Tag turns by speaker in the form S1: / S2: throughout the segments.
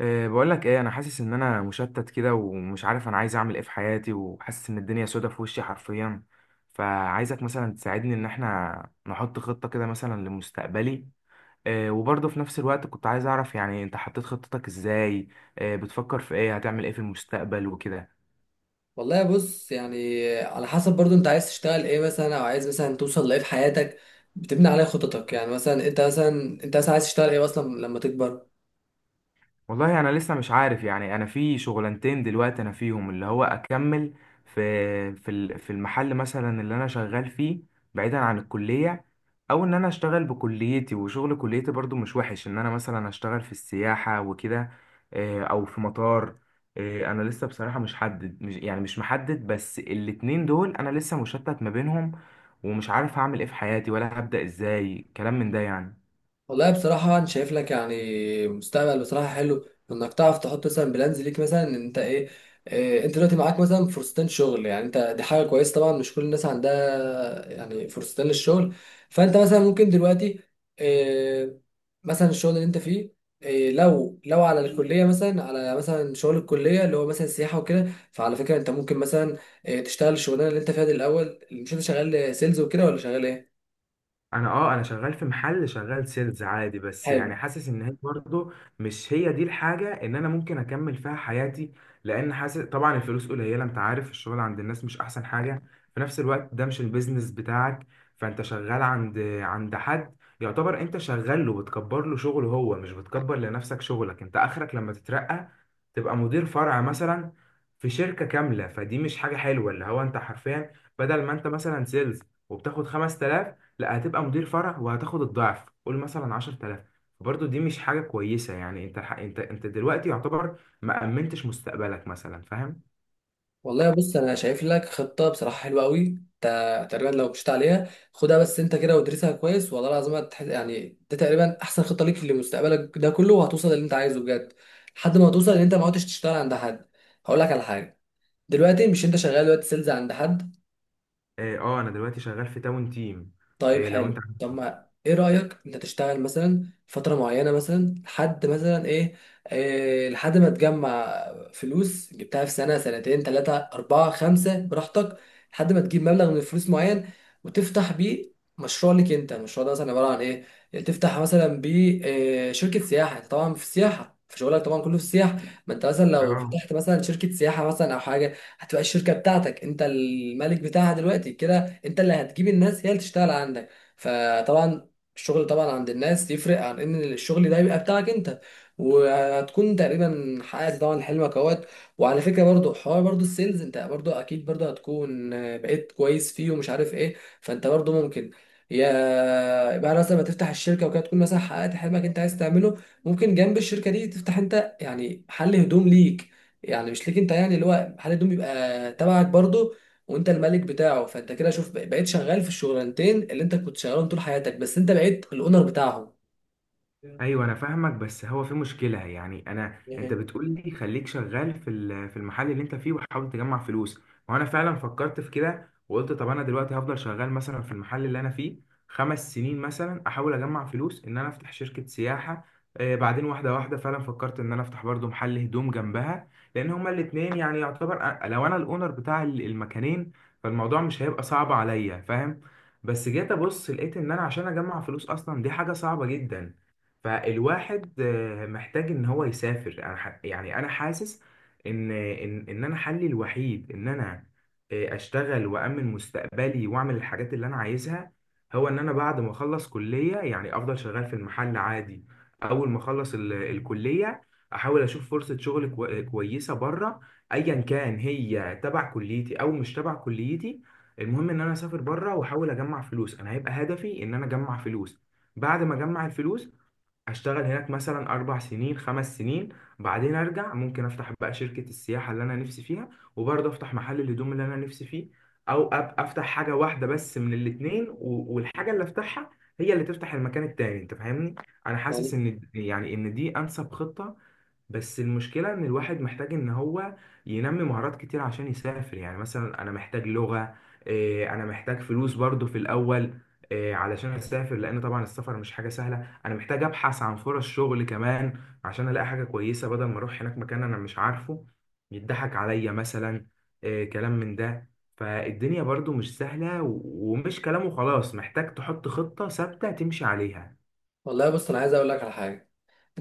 S1: بقول لك ايه، انا حاسس ان انا مشتت كده ومش عارف انا عايز اعمل ايه في حياتي، وحاسس ان الدنيا سودة في وشي حرفيا. فعايزك مثلا تساعدني ان احنا نحط خطة كده مثلا لمستقبلي. وبرضه في نفس الوقت كنت عايز اعرف، يعني انت حطيت خطتك ازاي؟ بتفكر في ايه؟ هتعمل ايه في المستقبل وكده؟
S2: والله بص يعني على حسب برضو انت عايز تشتغل ايه مثلا او عايز مثلا توصل لايه في حياتك. بتبني عليه خططك يعني مثلا انت مثلا عايز تشتغل ايه اصلا لما تكبر.
S1: والله انا لسه مش عارف، يعني انا في شغلانتين دلوقتي انا فيهم، اللي هو اكمل في المحل مثلا اللي انا شغال فيه بعيدا عن الكلية، او ان انا اشتغل بكليتي، وشغل كليتي برضو مش وحش، ان انا مثلا اشتغل في السياحة وكده. او في مطار. انا لسه بصراحة مش، يعني مش محدد، بس الاتنين دول انا لسه مشتت ما بينهم، ومش عارف هعمل ايه في حياتي، ولا هبدأ ازاي، كلام من ده يعني.
S2: والله بصراحة أنا شايف لك يعني مستقبل بصراحة حلو إنك تعرف تحط مثلا بلانز ليك مثلا إن أنت إيه، أنت دلوقتي معاك مثلا فرصتين شغل، يعني أنت دي حاجة كويسة طبعا مش كل الناس عندها يعني فرصتين للشغل. فأنت مثلا ممكن دلوقتي إيه مثلا الشغل اللي أنت فيه، إيه لو على الكلية مثلا على مثلا شغل الكلية اللي هو مثلا سياحة وكده، فعلى فكرة أنت ممكن مثلا إيه تشتغل الشغلانة اللي أنت فيها دي الأول. مش أنت شغال سيلز وكده ولا شغال إيه؟
S1: انا شغال في محل، شغال سيلز عادي، بس
S2: حلو.
S1: يعني حاسس ان هي برضه مش هي دي الحاجه ان انا ممكن اكمل فيها حياتي. لان حاسس طبعا الفلوس قليله، انت عارف الشغل عند الناس مش احسن حاجه. في نفس الوقت ده مش البيزنس بتاعك، فانت شغال عند حد، يعتبر انت شغال له، بتكبر له شغله هو، مش بتكبر لنفسك شغلك، انت اخرك لما تترقى تبقى مدير فرع مثلا في شركه كامله. فدي مش حاجه حلوه، اللي هو انت حرفيا بدل ما انت مثلا سيلز وبتاخد 5000، لا هتبقى مدير فرع وهتاخد الضعف، قول مثلا 10000. برضه دي مش حاجة كويسة، يعني انت ح- انت انت دلوقتي يعتبر ما أمنتش مستقبلك مثلا، فاهم.
S2: والله بص انا شايف لك خطه بصراحه حلوه قوي. انت تقريبا لو مشيت عليها خدها بس انت كده وادرسها كويس والله العظيم يعني ده تقريبا احسن خطه ليك لمستقبلك ده كله، وهتوصل للي انت عايزه بجد لحد ما توصل ان انت ما عدتش تشتغل عند حد. هقول لك على حاجه، دلوقتي مش انت شغال دلوقتي سيلز عند حد؟
S1: اه، انا دلوقتي شغال في تاون تيم.
S2: طيب
S1: لو انت.
S2: حلو. طب ما ايه رأيك انت تشتغل مثلا فترة معينة مثلا لحد مثلا ايه، إيه لحد ما تجمع فلوس جبتها في سنة سنتين ثلاثة أربعة خمسة براحتك، لحد ما تجيب مبلغ من الفلوس معين وتفتح بيه مشروع لك انت. المشروع ده مثلا عبارة عن ايه؟ يعني تفتح مثلا بيه إيه شركة سياحة. انت طبعا في السياحة، في شغلك طبعا كله في السياحة. ما انت مثلا لو
S1: اه،
S2: فتحت مثلا شركة سياحة مثلا او حاجة هتبقى الشركة بتاعتك انت الملك بتاعها دلوقتي كده. انت اللي هتجيب الناس، هي اللي تشتغل عندك. فطبعا الشغل طبعا عند الناس يفرق عن ان الشغل ده يبقى بتاعك انت. وهتكون تقريبا حققت طبعا حلمك اهوت. وعلى فكره برضو حوار برضو السيلز، انت برضو اكيد برضو هتكون بقيت كويس فيه ومش عارف ايه. فانت برضو ممكن يا بعد مثلا ما تفتح الشركه وكده تكون مثلا حققت حلمك انت عايز تعمله، ممكن جنب الشركه دي تفتح انت يعني محل هدوم ليك. يعني مش ليك انت، يعني اللي هو محل هدوم يبقى تبعك برضو وانت الملك بتاعه. فانت كده شوف بقيت شغال في الشغلانتين اللي انت كنت شغالهم طول حياتك بس انت بقيت الاونر بتاعهم.
S1: ايوه انا فاهمك، بس هو في مشكله، يعني
S2: دي
S1: انت
S2: حقيقة.
S1: بتقول لي خليك شغال في المحل اللي انت فيه وحاول تجمع فلوس. وانا فعلا فكرت في كده، وقلت طب انا دلوقتي هفضل شغال مثلا في المحل اللي انا فيه 5 سنين مثلا، احاول اجمع فلوس ان انا افتح شركه سياحه. بعدين واحده واحده فعلا فكرت ان انا افتح برضو محل هدوم جنبها، لان هما الاتنين يعني يعتبر، لو انا الاونر بتاع المكانين فالموضوع مش هيبقى صعب عليا، فاهم. بس جيت ابص لقيت ان انا عشان اجمع فلوس اصلا دي حاجه صعبه جدا. فالواحد محتاج ان هو يسافر. يعني انا حاسس ان انا حلي الوحيد ان انا اشتغل وامن مستقبلي واعمل الحاجات اللي انا عايزها، هو ان انا بعد ما اخلص كلية، يعني افضل شغال في المحل عادي. اول ما اخلص الكلية، احاول اشوف فرصة شغل كويسة بره، ايا كان هي تبع كليتي او مش تبع كليتي. المهم ان انا اسافر بره واحاول اجمع فلوس. انا هيبقى هدفي ان انا اجمع فلوس. بعد ما اجمع الفلوس هشتغل هناك مثلا 4 سنين 5 سنين بعدين أرجع ممكن أفتح بقى شركة السياحة اللي أنا نفسي فيها، وبرضه أفتح محل الهدوم اللي أنا نفسي فيه. أو أفتح حاجة واحدة بس من الاتنين، و- والحاجة اللي أفتحها هي اللي تفتح المكان التاني، أنت فاهمني؟ أنا
S2: والله
S1: حاسس إن يعني إن دي أنسب خطة، بس المشكلة إن الواحد محتاج إن هو ينمي مهارات كتير عشان يسافر، يعني مثلا أنا محتاج لغة. إيه، أنا محتاج فلوس برضه في الأول. إيه، علشان أسافر، لأن طبعا السفر مش حاجة سهلة. انا محتاج ابحث عن فرص شغل كمان، عشان الاقي حاجه كويسه بدل ما اروح هناك مكان انا مش عارفه، يضحك عليا مثلا. كلام من ده. فالدنيا برضو مش سهله، ومش كلام وخلاص، محتاج تحط خطه ثابته تمشي عليها.
S2: والله بص انا عايز اقول لك على حاجه.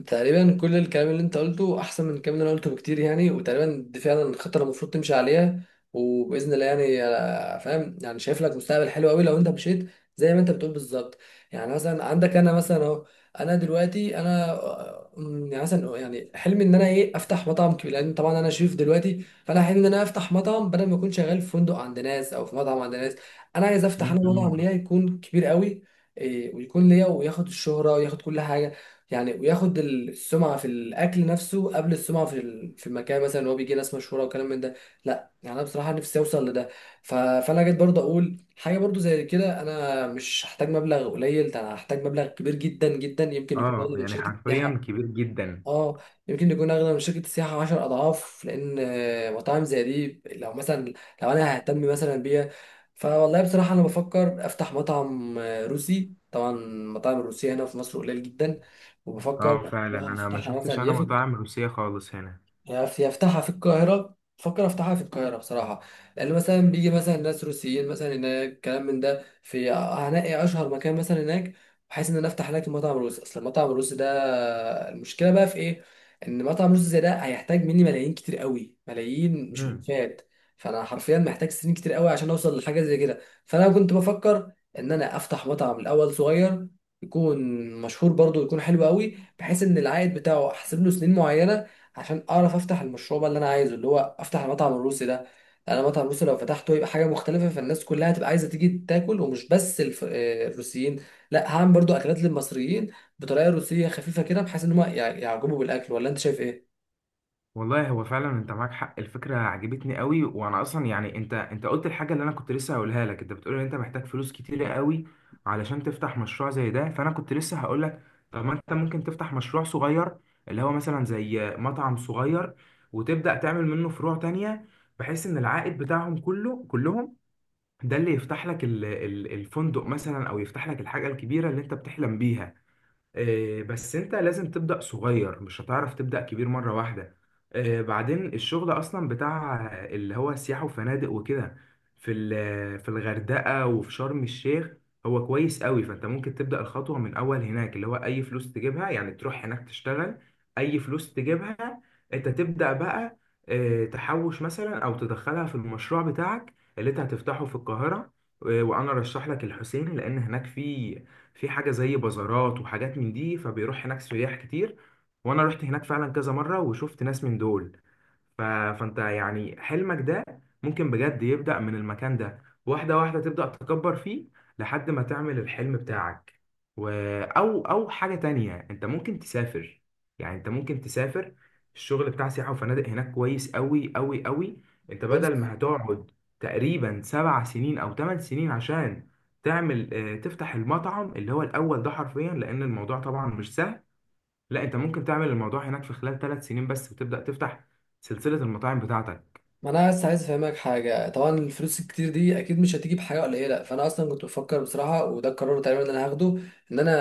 S2: تقريبا كل الكلام اللي انت قلته احسن من الكلام اللي انا قلته بكتير يعني، وتقريبا دي فعلا الخطه اللي المفروض تمشي عليها وباذن الله يعني. فاهم؟ يعني شايف لك مستقبل حلو قوي لو انت مشيت زي ما انت بتقول بالظبط. يعني مثلا عندك انا مثلا اهو، انا دلوقتي انا آه، م، يعني مثلا يعني حلمي ان انا ايه افتح مطعم كبير، لان طبعا انا شيف دلوقتي، فانا حلمي ان انا افتح مطعم بدل ما اكون شغال في فندق عند ناس او في مطعم عند ناس. انا عايز افتح انا مطعم
S1: مم.
S2: ليا يكون كبير قوي، ويكون ليا وياخد الشهره وياخد كل حاجه يعني وياخد السمعه في الاكل نفسه قبل السمعه في في المكان مثلا اللي هو بيجي ناس مشهوره وكلام من ده. لا يعني انا بصراحه نفسي اوصل لده. فانا جيت برضه اقول حاجه برضه زي كده. انا مش هحتاج مبلغ قليل، ده انا هحتاج مبلغ كبير جدا جدا، يمكن يكون
S1: اه،
S2: اقل من
S1: يعني
S2: شركه
S1: حرفيا
S2: سياحه.
S1: كبير جدا.
S2: اه يمكن يكون اغلى من شركه السياحه 10 اضعاف، لان مطاعم زي دي لو انا ههتم مثلا بيها. فوالله بصراحه انا بفكر افتح مطعم روسي. طبعا المطاعم الروسيه هنا في مصر قليل جدا، وبفكر
S1: اه، فعلا انا ما
S2: افتحها
S1: شفتش
S2: مثلا
S1: انا مطاعم روسيه خالص هنا.
S2: يفتحها في القاهرة. بفكر افتحها في القاهرة بصراحة لأن مثلا بيجي مثلا ناس روسيين مثلا هناك كلام من ده في، هنلاقي أشهر مكان مثلا هناك بحيث إن أنا أفتح هناك المطعم الروسي. أصل المطعم الروسي ده المشكلة بقى في إيه؟ إن مطعم روسي زي ده هيحتاج مني ملايين كتير قوي، ملايين مش
S1: مم.
S2: ألفات. فأنا حرفيا محتاج سنين كتير قوي عشان أوصل لحاجة زي كده. فأنا كنت بفكر إن أنا أفتح مطعم الأول صغير، يكون مشهور برضه، يكون حلو قوي بحيث إن العائد بتاعه أحسب له سنين معينة عشان اعرف افتح المشروع بقى اللي انا عايزه اللي هو افتح المطعم الروسي ده. انا المطعم الروسي لو فتحته يبقى حاجه مختلفه، فالناس كلها هتبقى عايزه تيجي تاكل، ومش بس الف... آه، الروسيين. لا هعمل برضو اكلات للمصريين بطريقه روسيه خفيفه كده بحيث ان هم يعجبوا بالاكل. ولا انت شايف ايه؟
S1: والله هو فعلا انت معاك حق، الفكره عجبتني قوي، وانا اصلا يعني انت قلت الحاجه اللي انا كنت لسه هقولها لك. انت بتقول ان انت محتاج فلوس كتيره قوي علشان تفتح مشروع زي ده، فانا كنت لسه هقول لك طب ما انت ممكن تفتح مشروع صغير، اللي هو مثلا زي مطعم صغير، وتبدا تعمل منه فروع تانية، بحيث ان العائد بتاعهم كله كلهم ده اللي يفتح لك الفندق مثلا، او يفتح لك الحاجه الكبيره اللي انت بتحلم بيها. بس انت لازم تبدأ صغير، مش هتعرف تبدأ كبير مرة واحدة. بعدين الشغل اصلا بتاع اللي هو سياحة وفنادق وكده في الغردقة وفي شرم الشيخ، هو كويس قوي، فانت ممكن تبدأ الخطوة من اول هناك، اللي هو اي فلوس تجيبها يعني تروح هناك تشتغل، اي فلوس تجيبها انت تبدأ بقى، تحوش مثلا، او تدخلها في المشروع بتاعك اللي انت هتفتحه في القاهرة. وانا رشح لك الحسين، لان هناك في حاجة زي بازارات وحاجات من دي، فبيروح هناك سياح كتير، وانا رحت هناك فعلا كذا مرة وشفت ناس من دول. فانت يعني حلمك ده ممكن بجد يبدأ من المكان ده، واحدة واحدة تبدأ تكبر فيه لحد ما تعمل الحلم بتاعك. و... أو أو حاجة تانية، أنت ممكن تسافر. يعني أنت ممكن تسافر، الشغل بتاع سياحة وفنادق هناك كويس أوي أوي أوي، أنت
S2: بص
S1: بدل ما هتقعد تقريبا 7 سنين أو 8 سنين عشان تعمل آه، تفتح المطعم اللي هو الاول ده حرفيا، لان الموضوع طبعا مش سهل، لا انت ممكن تعمل الموضوع هناك في خلال 3 سنين بس وتبدا تفتح سلسله المطاعم بتاعتك.
S2: ما انا بس عايز افهمك حاجه. طبعا الفلوس الكتير دي اكيد مش هتيجي بحاجه قليله، فانا اصلا كنت بفكر بصراحه وده القرار تقريبا اللي انا هاخده، ان انا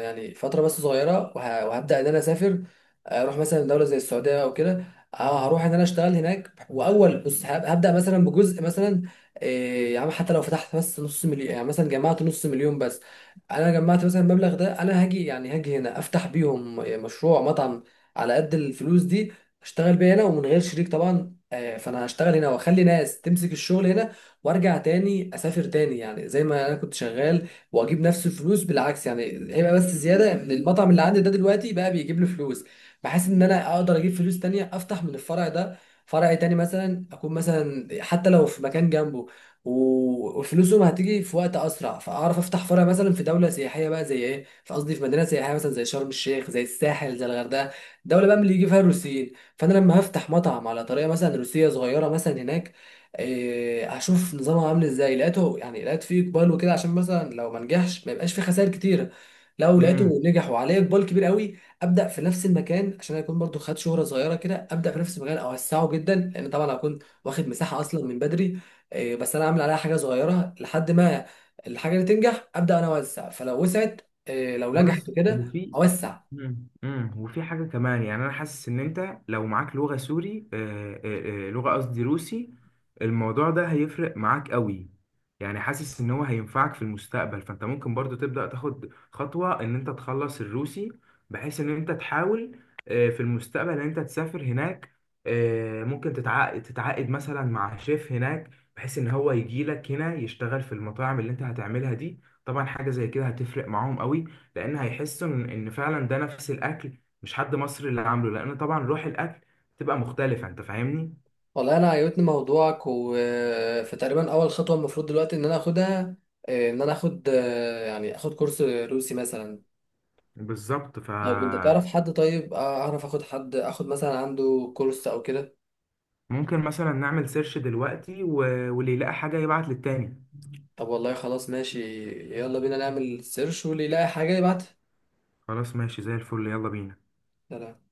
S2: يعني فتره بس صغيره وهبدا ان انا اسافر. اروح مثلا دوله زي السعوديه او كده، اه هروح ان انا اشتغل هناك. واول بص هبدا مثلا بجزء مثلا، إيه يا عم حتى لو فتحت بس نص مليون، يعني مثلا جمعت نص مليون بس. انا جمعت مثلا المبلغ ده انا هاجي يعني هاجي هنا افتح بيهم مشروع مطعم على قد الفلوس دي، اشتغل بيها هنا ومن غير شريك طبعا. فانا هشتغل هنا واخلي ناس تمسك الشغل هنا، وارجع تاني اسافر تاني يعني زي ما انا كنت شغال واجيب نفس الفلوس بالعكس. يعني هيبقى بس زياده ان المطعم اللي عندي ده دلوقتي بقى بيجيب لي فلوس بحيث ان انا اقدر اجيب فلوس تانية افتح من الفرع ده فرع تاني مثلا. اكون مثلا حتى لو في مكان جنبه وفلوسهم هتيجي في وقت اسرع، فاعرف افتح فرع مثلا في دوله سياحيه بقى زي ايه في، قصدي في مدينه سياحيه مثلا زي شرم الشيخ زي الساحل زي الغردقه. دوله بقى من اللي يجي فيها الروسيين. فانا لما هفتح مطعم على طريقه مثلا روسيه صغيره مثلا هناك، هشوف نظامها عامل ازاي. لقيته يعني لقيت فيه اقبال وكده عشان مثلا لو ما نجحش ما يبقاش فيه خسائر كتيره. لو
S1: امم.
S2: لقيته نجح وعليه اقبال كبير قوي ابدا في نفس المكان عشان اكون برضو خدت شهره صغيره كده. ابدا في نفس المكان اوسعه جدا لان طبعا هكون واخد مساحه اصلا من بدري. بس انا عامل عليها حاجه صغيره لحد ما الحاجه اللي تنجح ابدا انا اوسع. فلو وسعت لو نجحت
S1: بص،
S2: وكده
S1: وفي.
S2: اوسع.
S1: مم. مم. وفي حاجة كمان، يعني أنا حاسس إن أنت لو معاك لغة سوري، لغة، قصدي روسي، الموضوع ده هيفرق معاك قوي. يعني حاسس إن هو هينفعك في المستقبل، فأنت ممكن برضو تبدأ تاخد خطوة إن أنت تخلص الروسي، بحيث إن أنت تحاول في المستقبل إن أنت تسافر هناك. ممكن تتعاقد مثلا مع شيف هناك، بحيث إن هو يجي لك هنا يشتغل في المطاعم اللي أنت هتعملها دي. طبعا حاجة زي كده هتفرق معاهم قوي، لان هيحسوا إن فعلا ده نفس الاكل، مش حد مصري اللي عامله، لان طبعا روح الاكل بتبقى مختلفه، انت فاهمني.
S2: والله انا عجبتني موضوعك. وفي تقريبا اول خطوه المفروض دلوقتي ان انا اخدها، آه، ان انا اخد آه، يعني اخد كورس روسي مثلا.
S1: بالظبط،
S2: طب انت
S1: فممكن
S2: تعرف حد طيب، اعرف اخد حد اخد مثلا عنده كورس او كده؟
S1: مثلا نعمل سيرش دلوقتي، واللي يلاقي حاجه يبعت للتاني.
S2: طب والله خلاص ماشي. يلا بينا نعمل سيرش واللي يلاقي حاجه يبعتها.
S1: خلاص ماشي، زي الفل، يلا بينا.
S2: سلام.